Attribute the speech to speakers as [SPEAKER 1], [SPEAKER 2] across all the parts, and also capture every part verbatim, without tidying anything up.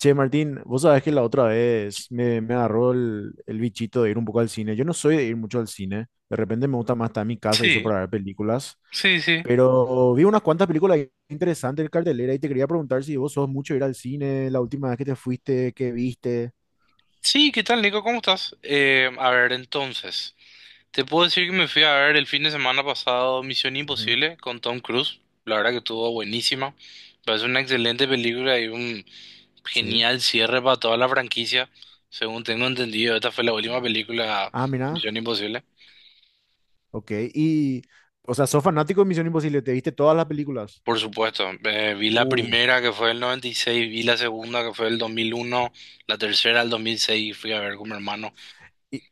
[SPEAKER 1] Che, Martín, vos sabés que la otra vez me, me agarró el, el bichito de ir un poco al cine. Yo no soy de ir mucho al cine. De repente me gusta más estar en mi casa y eso
[SPEAKER 2] Sí,
[SPEAKER 1] para ver películas.
[SPEAKER 2] sí, sí.
[SPEAKER 1] Pero vi unas cuantas películas interesantes en cartelera y te quería preguntar si vos sos mucho de ir al cine, la última vez que te fuiste, qué viste.
[SPEAKER 2] Sí, ¿qué tal, Nico? ¿Cómo estás? Eh, a ver, entonces, te puedo decir que me fui a ver el fin de semana pasado Misión
[SPEAKER 1] Ujú.
[SPEAKER 2] Imposible con Tom Cruise. La verdad que estuvo buenísima. Parece una excelente película y un
[SPEAKER 1] Sí.
[SPEAKER 2] genial cierre para toda la franquicia. Según tengo entendido, esta fue la última película
[SPEAKER 1] Ah,
[SPEAKER 2] de
[SPEAKER 1] mira.
[SPEAKER 2] Misión Imposible.
[SPEAKER 1] Ok. Y, o sea, sos fanático de Misión Imposible. ¿Te viste todas las películas?
[SPEAKER 2] Por supuesto, eh, vi la
[SPEAKER 1] Uh.
[SPEAKER 2] primera que fue el noventa y seis, vi la segunda que fue el dos mil uno, la tercera el dos mil seis y fui a ver con mi hermano.
[SPEAKER 1] ¿Y,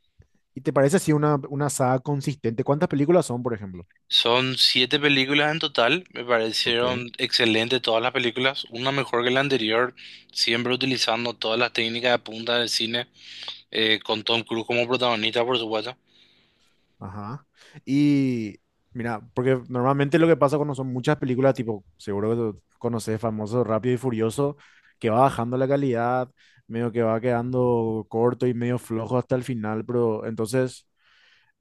[SPEAKER 1] y te parece así una, una saga consistente? ¿Cuántas películas son, por ejemplo?
[SPEAKER 2] Son siete películas en total, me
[SPEAKER 1] Ok.
[SPEAKER 2] parecieron excelentes todas las películas, una mejor que la anterior, siempre utilizando todas las técnicas de punta del cine, eh, con Tom Cruise como protagonista, por supuesto,
[SPEAKER 1] Ajá. Y mira, porque normalmente lo que pasa cuando son muchas películas, tipo, seguro que tú conoces famoso Rápido y Furioso, que va bajando la calidad, medio que va quedando corto y medio flojo hasta el final, pero entonces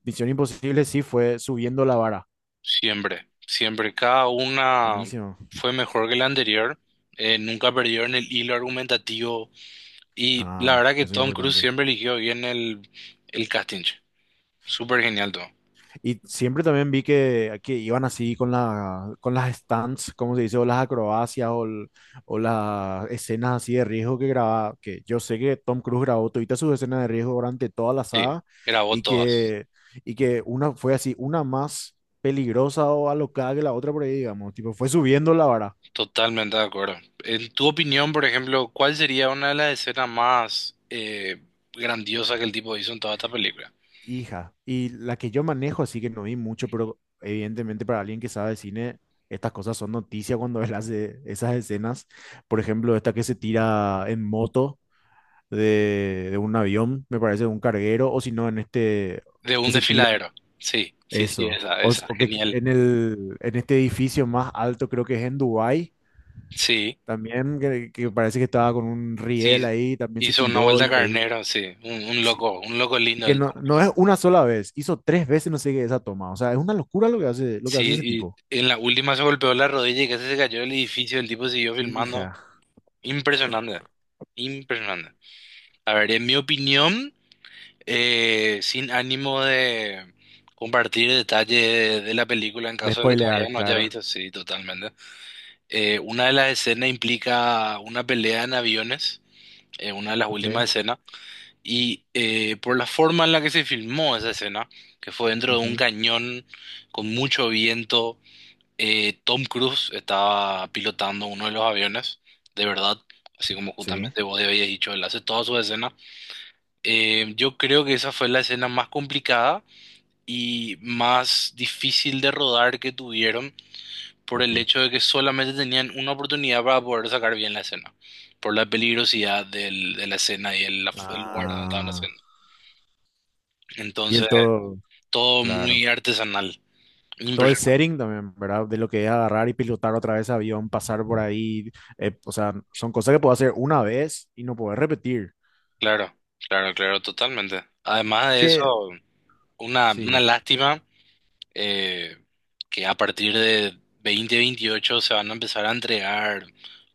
[SPEAKER 1] Misión Imposible sí fue subiendo la vara.
[SPEAKER 2] siempre, siempre, cada una
[SPEAKER 1] Buenísimo.
[SPEAKER 2] fue mejor que la anterior, eh, nunca perdió en el hilo argumentativo y la
[SPEAKER 1] Ah,
[SPEAKER 2] verdad que
[SPEAKER 1] eso es
[SPEAKER 2] Tom Cruise
[SPEAKER 1] importante.
[SPEAKER 2] siempre eligió bien el, el casting, súper genial todo,
[SPEAKER 1] Y siempre también vi que, que iban así con la, con las stunts, como se dice, o las acrobacias, o, el- o las escenas así de riesgo que grababa, que yo sé que Tom Cruise grabó todas sus escenas de riesgo durante toda la
[SPEAKER 2] sí,
[SPEAKER 1] saga,
[SPEAKER 2] grabó
[SPEAKER 1] y
[SPEAKER 2] todas.
[SPEAKER 1] que, y que una fue así, una, más peligrosa o alocada que la otra por ahí, digamos, tipo, fue subiendo la vara.
[SPEAKER 2] Totalmente de acuerdo. En tu opinión, por ejemplo, ¿cuál sería una de las escenas más eh, grandiosas que el tipo hizo en toda esta película?
[SPEAKER 1] Hija, y la que yo manejo, así que no vi mucho, pero evidentemente para alguien que sabe de cine, estas cosas son noticia cuando él hace esas escenas. Por ejemplo, esta que se tira en moto de, de un avión, me parece, de un carguero, o si no, en este
[SPEAKER 2] De un
[SPEAKER 1] que se tira,
[SPEAKER 2] desfiladero. Sí, sí, sí,
[SPEAKER 1] eso.
[SPEAKER 2] esa,
[SPEAKER 1] O, s-
[SPEAKER 2] esa,
[SPEAKER 1] o que qui-
[SPEAKER 2] genial.
[SPEAKER 1] en el, en este edificio más alto, creo que es en Dubái,
[SPEAKER 2] Sí,
[SPEAKER 1] también, que, que parece que estaba con un riel
[SPEAKER 2] sí,
[SPEAKER 1] ahí, también se
[SPEAKER 2] hizo una
[SPEAKER 1] tiró,
[SPEAKER 2] vuelta
[SPEAKER 1] increíble.
[SPEAKER 2] carnero, sí, un, un
[SPEAKER 1] Sí.
[SPEAKER 2] loco, un loco
[SPEAKER 1] Y
[SPEAKER 2] lindo
[SPEAKER 1] que
[SPEAKER 2] del
[SPEAKER 1] no,
[SPEAKER 2] Tom
[SPEAKER 1] no
[SPEAKER 2] Cruise.
[SPEAKER 1] es una sola vez, hizo tres veces no sé qué esa toma. O sea, es una locura lo que hace, lo que hace ese
[SPEAKER 2] Sí,
[SPEAKER 1] tipo.
[SPEAKER 2] y en la última se golpeó la rodilla y casi se cayó del edificio, el tipo siguió filmando.
[SPEAKER 1] Hija.
[SPEAKER 2] Impresionante, impresionante. A ver, en mi opinión. Eh, sin ánimo de compartir detalles de de la película en
[SPEAKER 1] De
[SPEAKER 2] caso de que todavía
[SPEAKER 1] spoilear,
[SPEAKER 2] no haya
[SPEAKER 1] claro.
[SPEAKER 2] visto, sí, totalmente. Eh, una de las escenas implica una pelea en aviones, eh, una de las
[SPEAKER 1] Ok.
[SPEAKER 2] últimas escenas, y eh, por la forma en la que se filmó esa escena, que fue dentro de un
[SPEAKER 1] Ujú.
[SPEAKER 2] cañón con mucho viento, eh, Tom Cruise estaba pilotando uno de los aviones, de verdad. Así como
[SPEAKER 1] Sí,
[SPEAKER 2] justamente vos habías dicho, él hace todas sus escenas. Eh, yo creo que esa fue la escena más complicada y más difícil de rodar que tuvieron por
[SPEAKER 1] ok.
[SPEAKER 2] el hecho de que solamente tenían una oportunidad para poder sacar bien la escena, por la peligrosidad del- de la escena y el, el, lugar donde estaban
[SPEAKER 1] Ah.
[SPEAKER 2] haciendo.
[SPEAKER 1] Y
[SPEAKER 2] Entonces,
[SPEAKER 1] el todo,
[SPEAKER 2] todo
[SPEAKER 1] claro.
[SPEAKER 2] muy artesanal.
[SPEAKER 1] Todo el
[SPEAKER 2] Impresionante.
[SPEAKER 1] setting también, ¿verdad? De lo que es agarrar y pilotar otra vez avión, pasar por ahí. Eh, o sea, son cosas que puedo hacer una vez y no poder repetir.
[SPEAKER 2] Claro, claro, claro, totalmente. Además de eso,
[SPEAKER 1] Che,
[SPEAKER 2] una,
[SPEAKER 1] sí,
[SPEAKER 2] una
[SPEAKER 1] es.
[SPEAKER 2] lástima eh, que a partir de dos mil veintiocho se van a empezar a entregar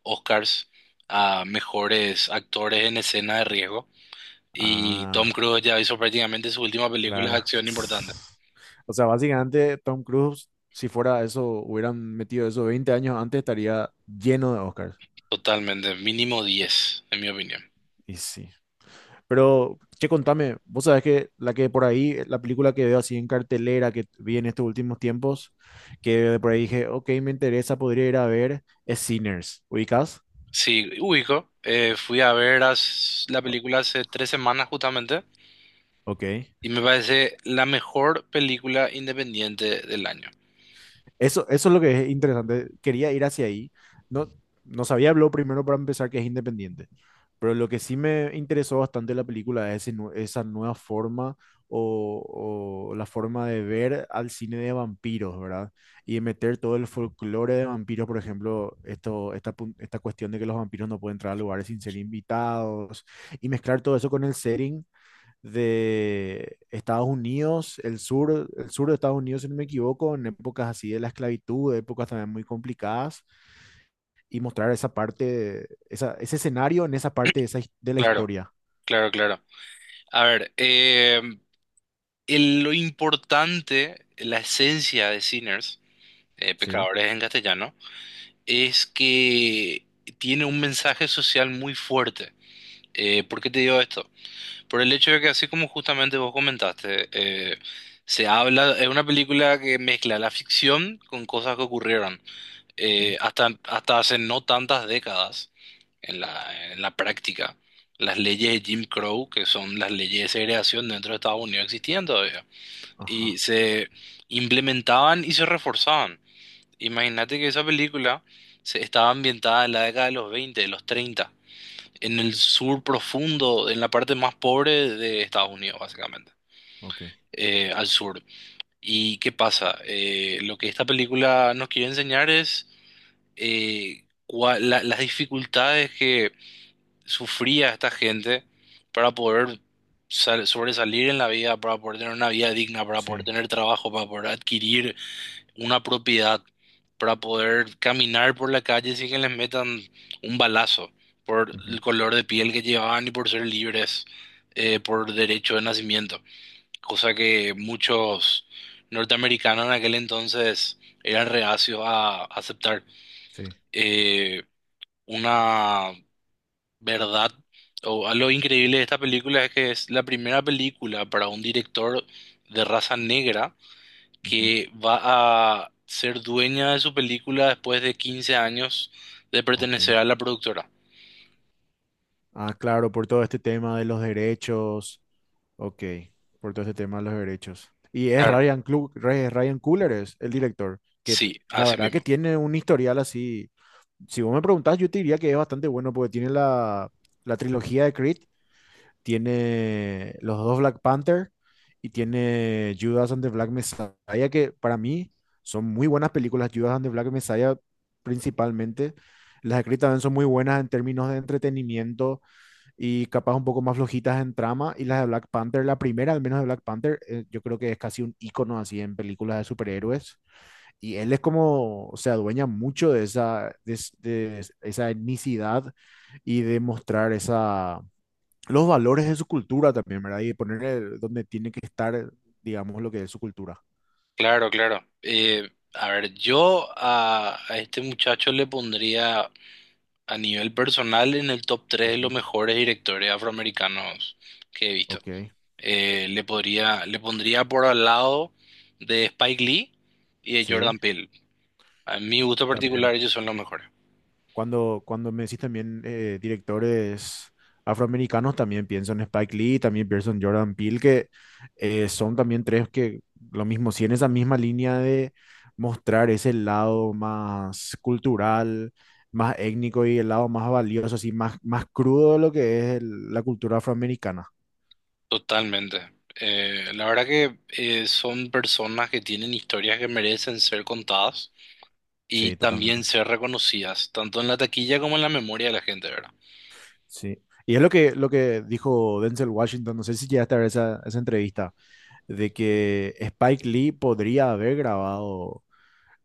[SPEAKER 2] Oscars a mejores actores en escena de riesgo. Y Tom
[SPEAKER 1] Ah.
[SPEAKER 2] Cruise ya hizo prácticamente su última película de
[SPEAKER 1] Claro.
[SPEAKER 2] acción importante.
[SPEAKER 1] O sea, básicamente Tom Cruise, si fuera eso, hubieran metido eso veinte años antes, estaría lleno de Oscars.
[SPEAKER 2] Totalmente, mínimo diez, en mi opinión.
[SPEAKER 1] Y sí. Pero, che, contame, vos sabés que la que por ahí, la película que veo así en cartelera que vi en estos últimos tiempos, que de por ahí dije, ok, me interesa, podría ir a ver, es Sinners. ¿Ubicás?
[SPEAKER 2] Sí, ubico. eh, fui a ver as- la
[SPEAKER 1] O-
[SPEAKER 2] película hace tres semanas justamente
[SPEAKER 1] Ok.
[SPEAKER 2] y me parece la mejor película independiente del año.
[SPEAKER 1] Eso, eso es lo que es interesante. Quería ir hacia ahí. No, no sabía, habló primero para empezar que es independiente. Pero lo que sí me interesó bastante de la película es ese nue- esa nueva forma o, o la forma de ver al cine de vampiros, ¿verdad? Y de meter todo el folclore de vampiros, por ejemplo, esto, esta, pun- esta cuestión de que los vampiros no pueden entrar a lugares sin ser invitados, y mezclar todo eso con el setting de Estados Unidos, el sur, el sur de Estados Unidos, si no me equivoco, en épocas así de la esclavitud, épocas también muy complicadas y mostrar esa parte, esa, ese escenario en esa parte de, esa his- de la
[SPEAKER 2] Claro,
[SPEAKER 1] historia.
[SPEAKER 2] claro, claro. A ver, eh, el- lo importante, la esencia de Sinners, eh,
[SPEAKER 1] Sí.
[SPEAKER 2] Pecadores en castellano, es que tiene un mensaje social muy fuerte. Eh, ¿por qué te digo esto? Por el hecho de que, así como justamente vos comentaste, eh, se habla, es una película que mezcla la ficción con cosas que ocurrieron
[SPEAKER 1] Mm,
[SPEAKER 2] eh, hasta, hasta hace no tantas décadas en la, en la práctica. Las leyes de Jim Crow, que son las leyes de segregación dentro de Estados Unidos, existían todavía.
[SPEAKER 1] ajá,
[SPEAKER 2] Y se implementaban y se reforzaban. Imagínate que esa película se estaba ambientada en la década de los veinte, de los treinta en el sur profundo, en la parte más pobre de Estados Unidos, básicamente,
[SPEAKER 1] ok.
[SPEAKER 2] eh, al sur. ¿Y qué pasa? Eh, lo que esta película nos quiere enseñar es eh, cua- la- las dificultades que sufría esta gente para poder sal- sobresalir en la vida, para poder tener una vida digna, para poder
[SPEAKER 1] Sí.
[SPEAKER 2] tener trabajo, para poder adquirir una propiedad para poder caminar por la calle sin que les metan un balazo por
[SPEAKER 1] Ujú.
[SPEAKER 2] el color de piel que llevaban y por ser libres eh, por derecho de nacimiento, cosa que muchos norteamericanos en aquel entonces eran reacios a aceptar.
[SPEAKER 1] Sí.
[SPEAKER 2] Eh, una verdad o a lo increíble de esta película es que es la primera película para un director de raza negra
[SPEAKER 1] Ujú.
[SPEAKER 2] que va a ser dueña de su película después de quince años de
[SPEAKER 1] Ok.
[SPEAKER 2] pertenecer a la productora.
[SPEAKER 1] Ah, claro, por todo este tema de los derechos. Ok, por todo este tema de los derechos. Y es
[SPEAKER 2] Claro.
[SPEAKER 1] Ryan, Clu- Ray- Ryan Coogler, es el director, que
[SPEAKER 2] Sí,
[SPEAKER 1] la
[SPEAKER 2] así
[SPEAKER 1] verdad
[SPEAKER 2] mismo.
[SPEAKER 1] que tiene un historial así. Si vos me preguntás, yo te diría que es bastante bueno porque tiene la, la trilogía de Creed, tiene los dos Black Panther y tiene Judas and the Black Messiah, que para mí son muy buenas películas. Judas and the Black Messiah principalmente. Las de Creed también son muy buenas en términos de entretenimiento y capaz un poco más flojitas en trama. Y las de Black Panther, la primera al menos de Black Panther, eh, yo creo que es casi un icono así en películas de superhéroes. Y él es como, se adueña mucho de esa, de, es- de es- esa etnicidad y de mostrar esa, los valores de su cultura también, ¿verdad? Y ponerle donde tiene que estar, digamos, lo que es su cultura.
[SPEAKER 2] Claro, claro. Eh, a ver, yo a, a este muchacho le pondría a nivel personal en el top tres de los
[SPEAKER 1] Ujú.
[SPEAKER 2] mejores directores afroamericanos que he visto.
[SPEAKER 1] Ok,
[SPEAKER 2] Eh, le podría, le pondría por al lado de Spike Lee y de
[SPEAKER 1] sí,
[SPEAKER 2] Jordan Peele. A mi gusto
[SPEAKER 1] también.
[SPEAKER 2] particular, ellos son los mejores.
[SPEAKER 1] Cuando, cuando me decís también eh, directores afroamericanos, también pienso en Spike Lee, también pienso en Jordan Peele, que eh, son también tres que lo mismo, si en esa misma línea de mostrar ese lado más cultural, más étnico y el lado más valioso, así más, más crudo de lo que es el- la cultura afroamericana.
[SPEAKER 2] Totalmente. Eh, la verdad que eh, son personas que tienen historias que merecen ser contadas y
[SPEAKER 1] Sí,
[SPEAKER 2] también
[SPEAKER 1] totalmente.
[SPEAKER 2] ser reconocidas, tanto en la taquilla como en la memoria de la gente, ¿verdad?
[SPEAKER 1] Sí. Y es lo que, lo que dijo Denzel Washington, no sé si llegaste a ver esa, esa entrevista, de que Spike Lee podría haber grabado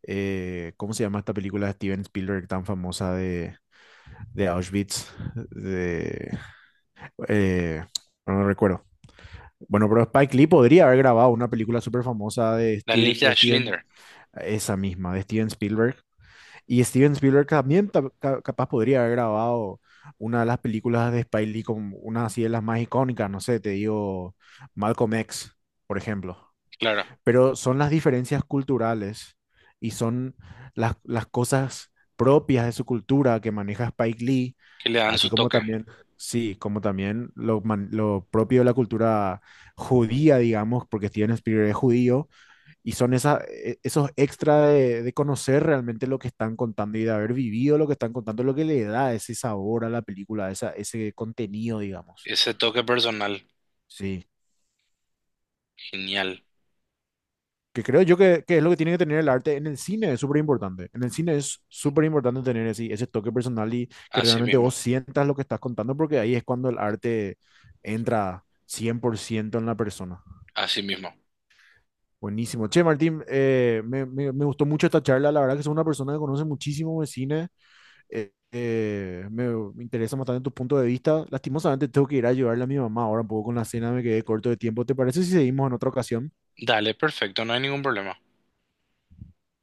[SPEAKER 1] eh, ¿cómo se llama esta película de Steven Spielberg tan famosa de, de Auschwitz? De, eh, no no recuerdo. Bueno, pero Spike Lee podría haber grabado una película súper famosa de,
[SPEAKER 2] La
[SPEAKER 1] Ste-
[SPEAKER 2] lista
[SPEAKER 1] de
[SPEAKER 2] de
[SPEAKER 1] Steven,
[SPEAKER 2] Schindler,
[SPEAKER 1] esa misma, de Steven Spielberg. Y Steven Spielberg también ta- ca- capaz podría haber grabado una de las películas de Spike Lee, como una así de las más icónicas, no sé, te digo Malcolm X, por ejemplo,
[SPEAKER 2] claro,
[SPEAKER 1] pero son las diferencias culturales y son las, las cosas propias de su cultura que maneja Spike Lee,
[SPEAKER 2] que le dan
[SPEAKER 1] así
[SPEAKER 2] su
[SPEAKER 1] como
[SPEAKER 2] toque,
[SPEAKER 1] también, sí, como también lo, man- lo propio de la cultura judía, digamos, porque Steven Spielberg es judío, y son esa, e- esos extra de, de conocer realmente lo que están contando y de haber vivido lo que están contando, lo que le da ese sabor a la película, esa, ese contenido, digamos.
[SPEAKER 2] ese toque personal,
[SPEAKER 1] Sí.
[SPEAKER 2] genial,
[SPEAKER 1] Que creo yo que, que es lo que tiene que tener el arte en el cine, es súper importante. En el cine es súper importante tener ese ese toque personal y que
[SPEAKER 2] así
[SPEAKER 1] realmente vos
[SPEAKER 2] mismo,
[SPEAKER 1] sientas lo que estás contando, porque ahí es cuando el arte entra cien por ciento en la persona.
[SPEAKER 2] así mismo.
[SPEAKER 1] Buenísimo. Che, Martín, eh, me, me- me gustó mucho esta charla. La verdad que soy una persona que conoce muchísimo de cine. Eh, eh, me, me interesa bastante tu punto de vista. Lastimosamente tengo que ir a ayudarle a mi mamá ahora un poco con la cena, me quedé corto de tiempo. ¿Te parece si seguimos en otra ocasión?
[SPEAKER 2] Dale, perfecto, no hay ningún problema.